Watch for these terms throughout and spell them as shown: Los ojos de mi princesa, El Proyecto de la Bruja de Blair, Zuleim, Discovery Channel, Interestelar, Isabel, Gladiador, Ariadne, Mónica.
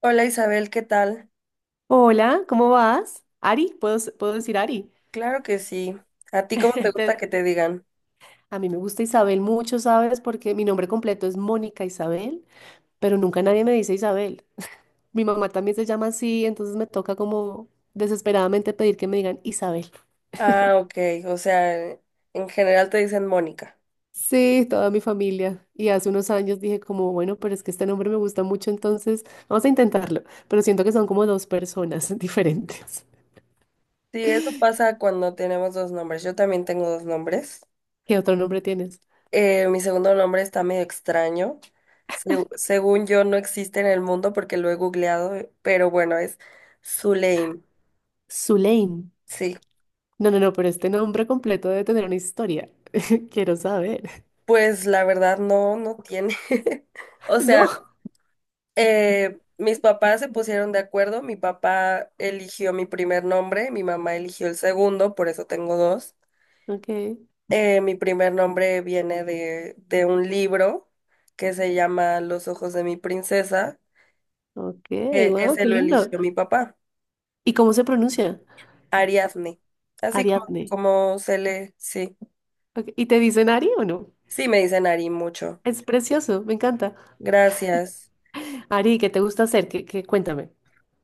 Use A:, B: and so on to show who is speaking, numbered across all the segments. A: Hola Isabel, ¿qué tal?
B: Hola, ¿cómo vas? Ari, ¿puedo decir Ari?
A: Claro que sí. ¿A ti cómo te gusta
B: Te-
A: que te digan?
B: a mí me gusta Isabel mucho, ¿sabes? Porque mi nombre completo es Mónica Isabel, pero nunca nadie me dice Isabel. Mi mamá también se llama así, entonces me toca como desesperadamente pedir que me digan Isabel.
A: Ah, ok, o sea, en general te dicen Mónica.
B: Sí, toda mi familia. Y hace unos años dije como, bueno, pero es que este nombre me gusta mucho, entonces vamos a intentarlo. Pero siento que son como dos personas diferentes.
A: Sí, eso pasa cuando tenemos dos nombres. Yo también tengo dos nombres.
B: ¿Qué otro nombre tienes?
A: Mi segundo nombre está medio extraño. Según yo no existe en el mundo porque lo he googleado, pero bueno, es Zuleim.
B: Zuleim.
A: Sí,
B: No, no, no, pero este nombre completo debe tener una historia. Quiero saber.
A: pues la verdad no, no tiene. O sea,
B: No.
A: Mis papás se pusieron de acuerdo, mi papá eligió mi primer nombre, mi mamá eligió el segundo, por eso tengo dos.
B: Ok,
A: Mi primer nombre viene de un libro que se llama Los ojos de mi princesa,
B: ok,
A: que
B: wow,
A: ese
B: qué
A: lo
B: lindo.
A: eligió mi papá,
B: ¿Y cómo se pronuncia?
A: Ariadne. Así como,
B: Ariadne.
A: como se le, sí,
B: Ok, ¿y te dicen Ari o no?
A: sí me dicen Ari mucho.
B: Es precioso, me encanta.
A: Gracias,
B: Ari, ¿qué te gusta hacer? ¿Cuéntame?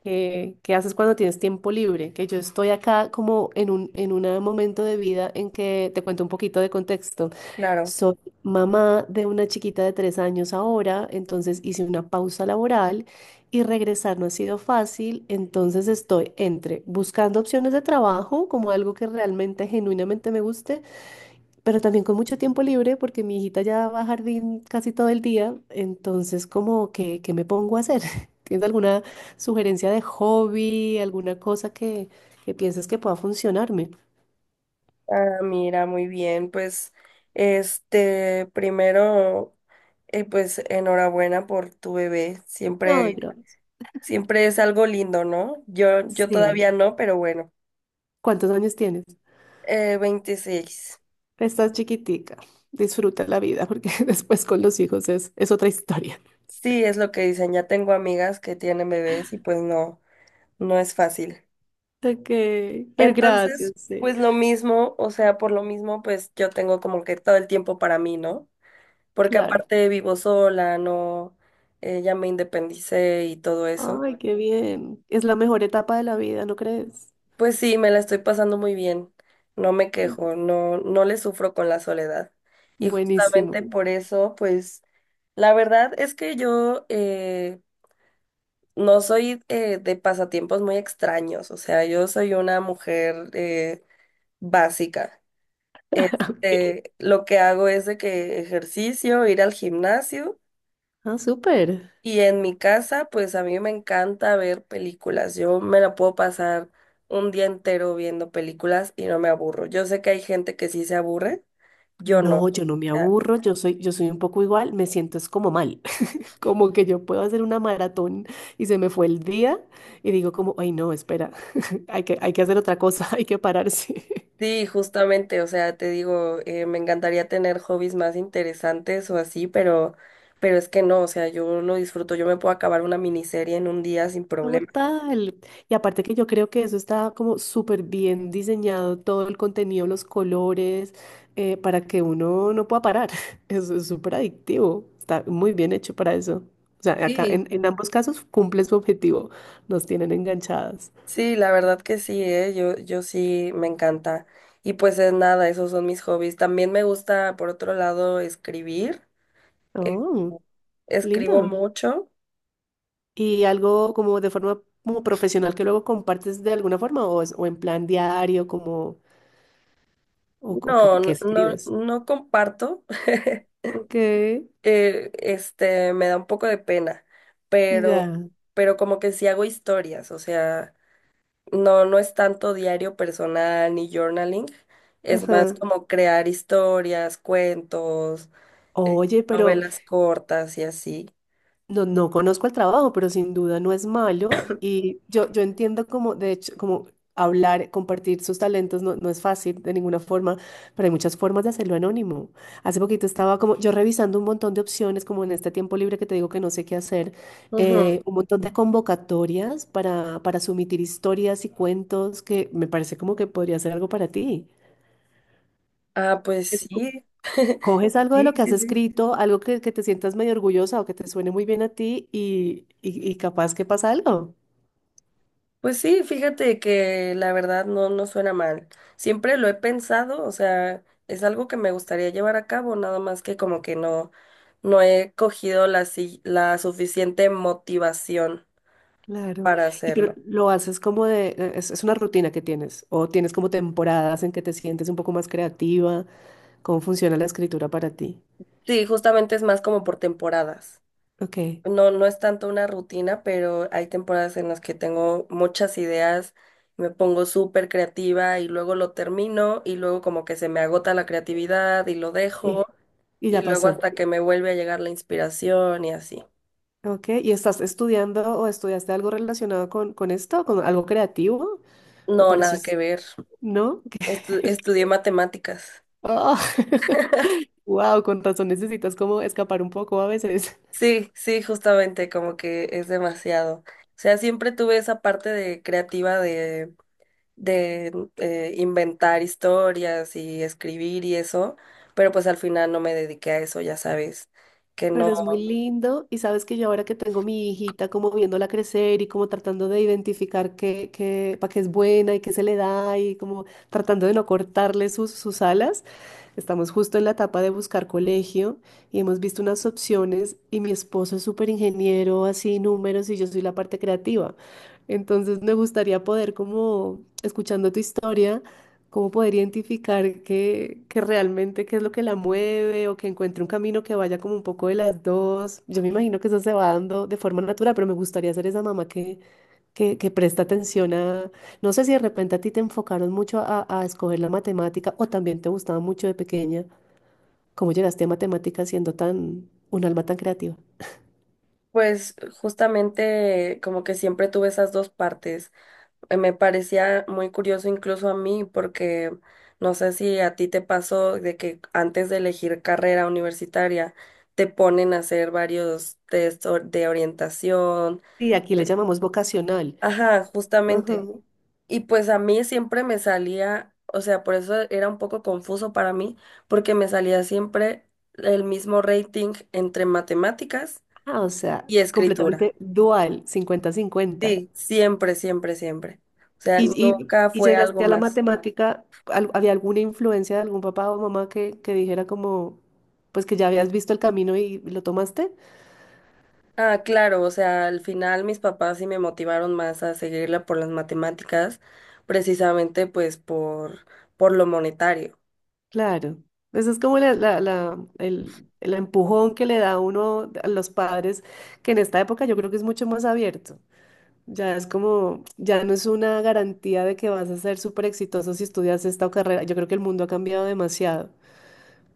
B: ¿Qué haces cuando tienes tiempo libre? Que yo estoy acá como en un momento de vida en que te cuento un poquito de contexto.
A: claro.
B: Soy mamá de una chiquita de 3 años ahora, entonces hice una pausa laboral y regresar no ha sido fácil, entonces estoy entre buscando opciones de trabajo como algo que realmente genuinamente me guste pero también con mucho tiempo libre porque mi hijita ya va a jardín casi todo el día, entonces como que, ¿qué me pongo a hacer? ¿Tienes alguna sugerencia de hobby, alguna cosa que pienses que pueda funcionarme?
A: Ah, mira, muy bien. Pues, este, primero, pues enhorabuena por tu bebé.
B: Ay,
A: Siempre,
B: gracias.
A: siempre es algo lindo, ¿no? Yo
B: Sí.
A: todavía no, pero bueno.
B: ¿Cuántos años tienes?
A: 26.
B: Estás chiquitica. Disfruta la vida porque después con los hijos es otra historia.
A: Sí, es lo que dicen. Ya tengo amigas que tienen bebés y pues no, no es fácil.
B: Ok, pero gracias,
A: Entonces,
B: sí.
A: pues lo mismo, o sea, por lo mismo, pues yo tengo como que todo el tiempo para mí, ¿no? Porque
B: Claro.
A: aparte vivo sola, no, ya me independicé y todo eso.
B: Ay, qué bien. Es la mejor etapa de la vida, ¿no crees?
A: Pues sí, me la estoy pasando muy bien. No me quejo, no, no le sufro con la soledad. Y justamente
B: Buenísimo.
A: por eso, pues, la verdad es que yo no soy de pasatiempos muy extraños. O sea, yo soy una mujer básica. Este, lo que hago es de que ejercicio, ir al gimnasio.
B: Ah, súper.
A: Y en mi casa, pues a mí me encanta ver películas. Yo me la puedo pasar un día entero viendo películas y no me aburro. Yo sé que hay gente que sí se aburre, yo no.
B: No,
A: O
B: yo no me
A: sea,
B: aburro, yo soy un poco igual, me siento es como mal, como que yo puedo hacer una maratón y se me fue el día y digo como, ay no, espera, hay que hacer otra cosa, hay que pararse.
A: sí, justamente, o sea, te digo, me encantaría tener hobbies más interesantes o así, pero es que no, o sea, yo lo disfruto, yo me puedo acabar una miniserie en un día sin problema.
B: Total. Y aparte que yo creo que eso está como súper bien diseñado, todo el contenido, los colores, para que uno no pueda parar. Eso es súper adictivo, está muy bien hecho para eso. O sea, acá
A: Sí.
B: en ambos casos cumple su objetivo, nos tienen enganchadas.
A: Sí, la verdad que sí, ¿eh? Yo sí me encanta. Y pues es nada, esos son mis hobbies. También me gusta, por otro lado, escribir. Eh,
B: Oh,
A: Escribo
B: lindo.
A: mucho.
B: ¿Y algo como de forma como profesional que luego compartes de alguna forma o, o en plan diario como o que,
A: No,
B: que
A: no, no,
B: escribes?
A: no comparto.
B: Ok,
A: Este, me da un poco de pena, pero,
B: ya.
A: pero como que sí hago historias, o sea, no, no es tanto diario personal ni journaling, es más
B: Ajá.
A: como crear historias, cuentos, eh,
B: Oye, pero
A: novelas cortas y así.
B: no, no conozco el trabajo, pero sin duda no es malo. Y yo entiendo como, de hecho, como hablar, compartir sus talentos no, no es fácil de ninguna forma, pero hay muchas formas de hacerlo anónimo. Hace poquito estaba como yo revisando un montón de opciones, como en este tiempo libre que te digo que no sé qué hacer,
A: Ujú.
B: un montón de convocatorias para sumitir historias y cuentos que me parece como que podría ser algo para ti.
A: Ah, pues sí.
B: Coges algo de lo
A: Sí,
B: que has
A: sí, sí.
B: escrito, algo que te sientas medio orgullosa o que te suene muy bien a ti y capaz que pasa algo.
A: Pues sí, fíjate que la verdad no, no suena mal. Siempre lo he pensado, o sea, es algo que me gustaría llevar a cabo, nada más que como que no, no he cogido la, la suficiente motivación
B: Claro.
A: para
B: Y pero
A: hacerlo.
B: lo haces como de, es una rutina que tienes o tienes como temporadas en que te sientes un poco más creativa. ¿Cómo funciona la escritura para ti?
A: Sí, justamente es más como por temporadas.
B: Ok.
A: No, no es tanto una rutina, pero hay temporadas en las que tengo muchas ideas, me pongo súper creativa y luego lo termino y luego como que se me agota la creatividad y lo dejo
B: Y, y
A: y
B: ya
A: luego
B: pasó.
A: hasta que me vuelve a llegar la inspiración y así.
B: Ok. ¿Y estás estudiando o estudiaste algo relacionado con esto, con algo creativo? Me
A: No, nada que
B: pareces,
A: ver.
B: ¿no?
A: Estudié matemáticas.
B: Oh. Wow, con razón necesitas como escapar un poco a veces.
A: Sí, sí, justamente como que es demasiado. O sea, siempre tuve esa parte de creativa de inventar historias y escribir y eso, pero pues al final no me dediqué a eso, ya sabes, que
B: Pero es
A: no,
B: muy lindo y sabes que yo ahora que tengo mi hijita como viéndola crecer y como tratando de identificar para qué es buena y qué se le da y como tratando de no cortarle sus alas, estamos justo en la etapa de buscar colegio y hemos visto unas opciones y mi esposo es súper ingeniero, así números y yo soy la parte creativa. Entonces me gustaría poder como escuchando tu historia cómo poder identificar que, realmente qué es lo que la mueve o que encuentre un camino que vaya como un poco de las dos. Yo me imagino que eso se va dando de forma natural, pero me gustaría ser esa mamá que, presta atención no sé si de repente a ti te enfocaron mucho a escoger la matemática o también te gustaba mucho de pequeña, cómo llegaste a matemáticas siendo un alma tan creativa.
A: pues justamente como que siempre tuve esas dos partes. Me parecía muy curioso incluso a mí porque no sé si a ti te pasó de que antes de elegir carrera universitaria te ponen a hacer varios test de orientación.
B: Y aquí le
A: eh,
B: llamamos vocacional.
A: Ajá,
B: Ajá.
A: justamente. Y pues a mí siempre me salía, o sea, por eso era un poco confuso para mí, porque me salía siempre el mismo rating entre matemáticas
B: Ah, o sea,
A: y escritura.
B: completamente dual, 50-50.
A: Sí, siempre, siempre, siempre. O sea,
B: Y, y,
A: nunca
B: y
A: fue algo
B: llegaste a la
A: más.
B: matemática, ¿había alguna influencia de algún papá o mamá que dijera como, pues que ya habías visto el camino y lo tomaste?
A: Ah, claro, o sea, al final mis papás sí me motivaron más a seguirla por las matemáticas, precisamente pues por lo monetario.
B: Claro. Eso es como el empujón que le da uno a los padres, que en esta época yo creo que es mucho más abierto. Ya es como, ya no es una garantía de que vas a ser súper exitoso si estudias esta carrera. Yo creo que el mundo ha cambiado demasiado,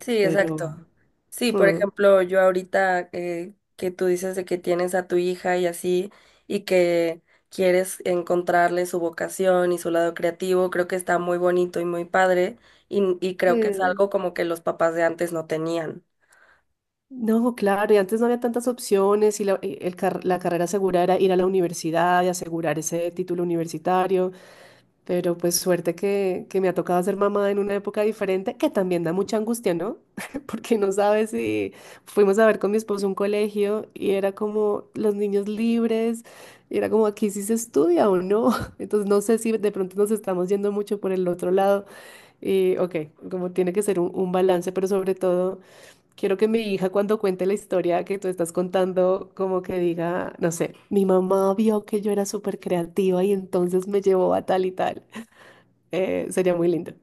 A: Sí,
B: pero...
A: exacto. Sí, por
B: ujú.
A: ejemplo, yo ahorita que tú dices de que tienes a tu hija y así, y que quieres encontrarle su vocación y su lado creativo, creo que está muy bonito y muy padre, y, y creo que es algo como que los papás de antes no tenían.
B: No, claro, y antes no había tantas opciones y la carrera segura era ir a la universidad y asegurar ese título universitario, pero pues suerte que me ha tocado ser mamá en una época diferente, que también da mucha angustia, ¿no? Porque no sabes si fuimos a ver con mi esposo un colegio y era como los niños libres, y era como aquí sí se estudia o no, entonces no sé si de pronto nos estamos yendo mucho por el otro lado. Y ok, como tiene que ser un balance, pero sobre todo quiero que mi hija cuando cuente la historia que tú estás contando, como que diga, no sé, mi mamá vio que yo era súper creativa y entonces me llevó a tal y tal. Sería muy lindo.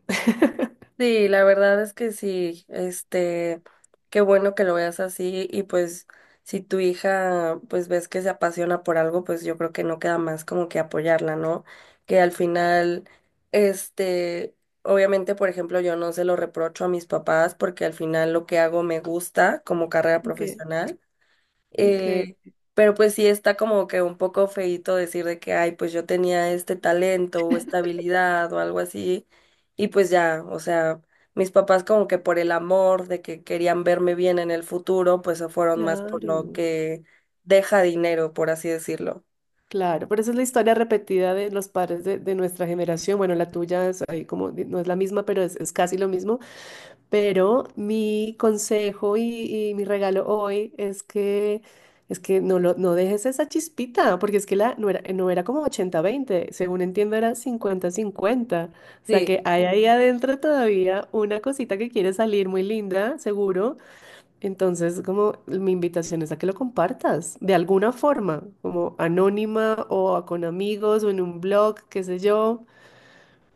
A: Sí, la verdad es que sí, este, qué bueno que lo veas así y pues si tu hija pues ves que se apasiona por algo, pues yo creo que no queda más como que apoyarla, ¿no? Que al final, este, obviamente, por ejemplo, yo no se lo reprocho a mis papás porque al final lo que hago me gusta como carrera
B: Ok,
A: profesional.
B: ok,
A: Eh, pero pues sí está como que un poco feíto decir de que, ay, pues yo tenía este talento o esta habilidad o algo así. Y pues ya, o sea, mis papás como que por el amor de que querían verme bien en el futuro, pues se fueron más por lo
B: claro,
A: que deja dinero, por así decirlo.
B: claro. Pero esa es la historia repetida de los padres de nuestra generación. Bueno, la tuya es ahí como, no es la misma, pero es casi lo mismo. Pero mi consejo y mi regalo hoy es que, no dejes esa chispita, porque es que no era como 80-20 según entiendo era 50-50. O sea
A: Sí.
B: que hay ahí adentro todavía una cosita que quiere salir muy linda, seguro. Entonces, como mi invitación es a que lo compartas de alguna forma, como anónima o con amigos o en un blog, qué sé yo.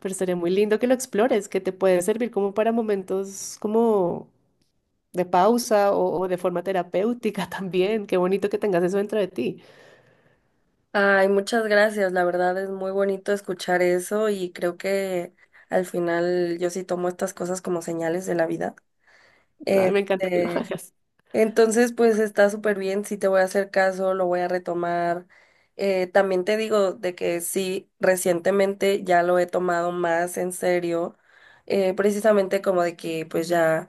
B: Pero sería muy lindo que lo explores, que te puede servir como para momentos como de pausa o de forma terapéutica también. Qué bonito que tengas eso dentro de ti.
A: Ay, muchas gracias. La verdad es muy bonito escuchar eso y creo que al final yo sí tomo estas cosas como señales de la vida.
B: Ay, me encanta que lo
A: Este,
B: hagas.
A: entonces, pues está súper bien, sí te voy a hacer caso, lo voy a retomar. También te digo de que sí, recientemente ya lo he tomado más en serio, precisamente como de que pues ya,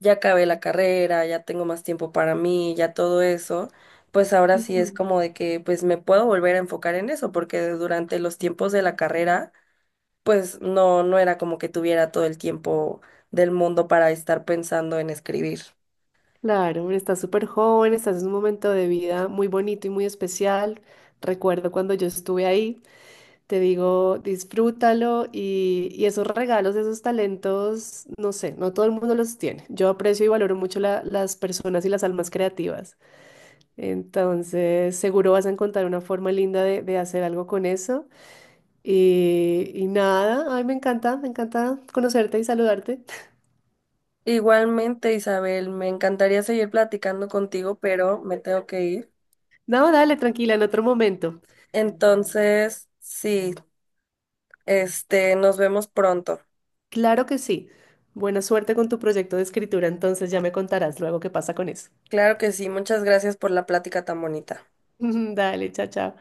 A: ya acabé la carrera, ya tengo más tiempo para mí, ya todo eso, pues ahora sí es
B: Ujú.
A: como de que pues me puedo volver a enfocar en eso, porque durante los tiempos de la carrera, pues no, no era como que tuviera todo el tiempo del mundo para estar pensando en escribir.
B: Claro, estás súper joven, estás en un momento de vida muy bonito y muy especial. Recuerdo cuando yo estuve ahí, te digo, disfrútalo y esos regalos, esos talentos, no sé, no todo el mundo los tiene. Yo aprecio y valoro mucho las personas y las almas creativas. Entonces, seguro vas a encontrar una forma linda de hacer algo con eso. Y nada, ay, me encanta conocerte y saludarte.
A: Igualmente, Isabel, me encantaría seguir platicando contigo, pero me tengo que ir.
B: No, dale, tranquila, en otro momento.
A: Entonces, sí, este, nos vemos pronto.
B: Claro que sí. Buena suerte con tu proyecto de escritura, entonces ya me contarás luego qué pasa con eso.
A: Claro que sí, muchas gracias por la plática tan bonita.
B: Dale, chao, chao.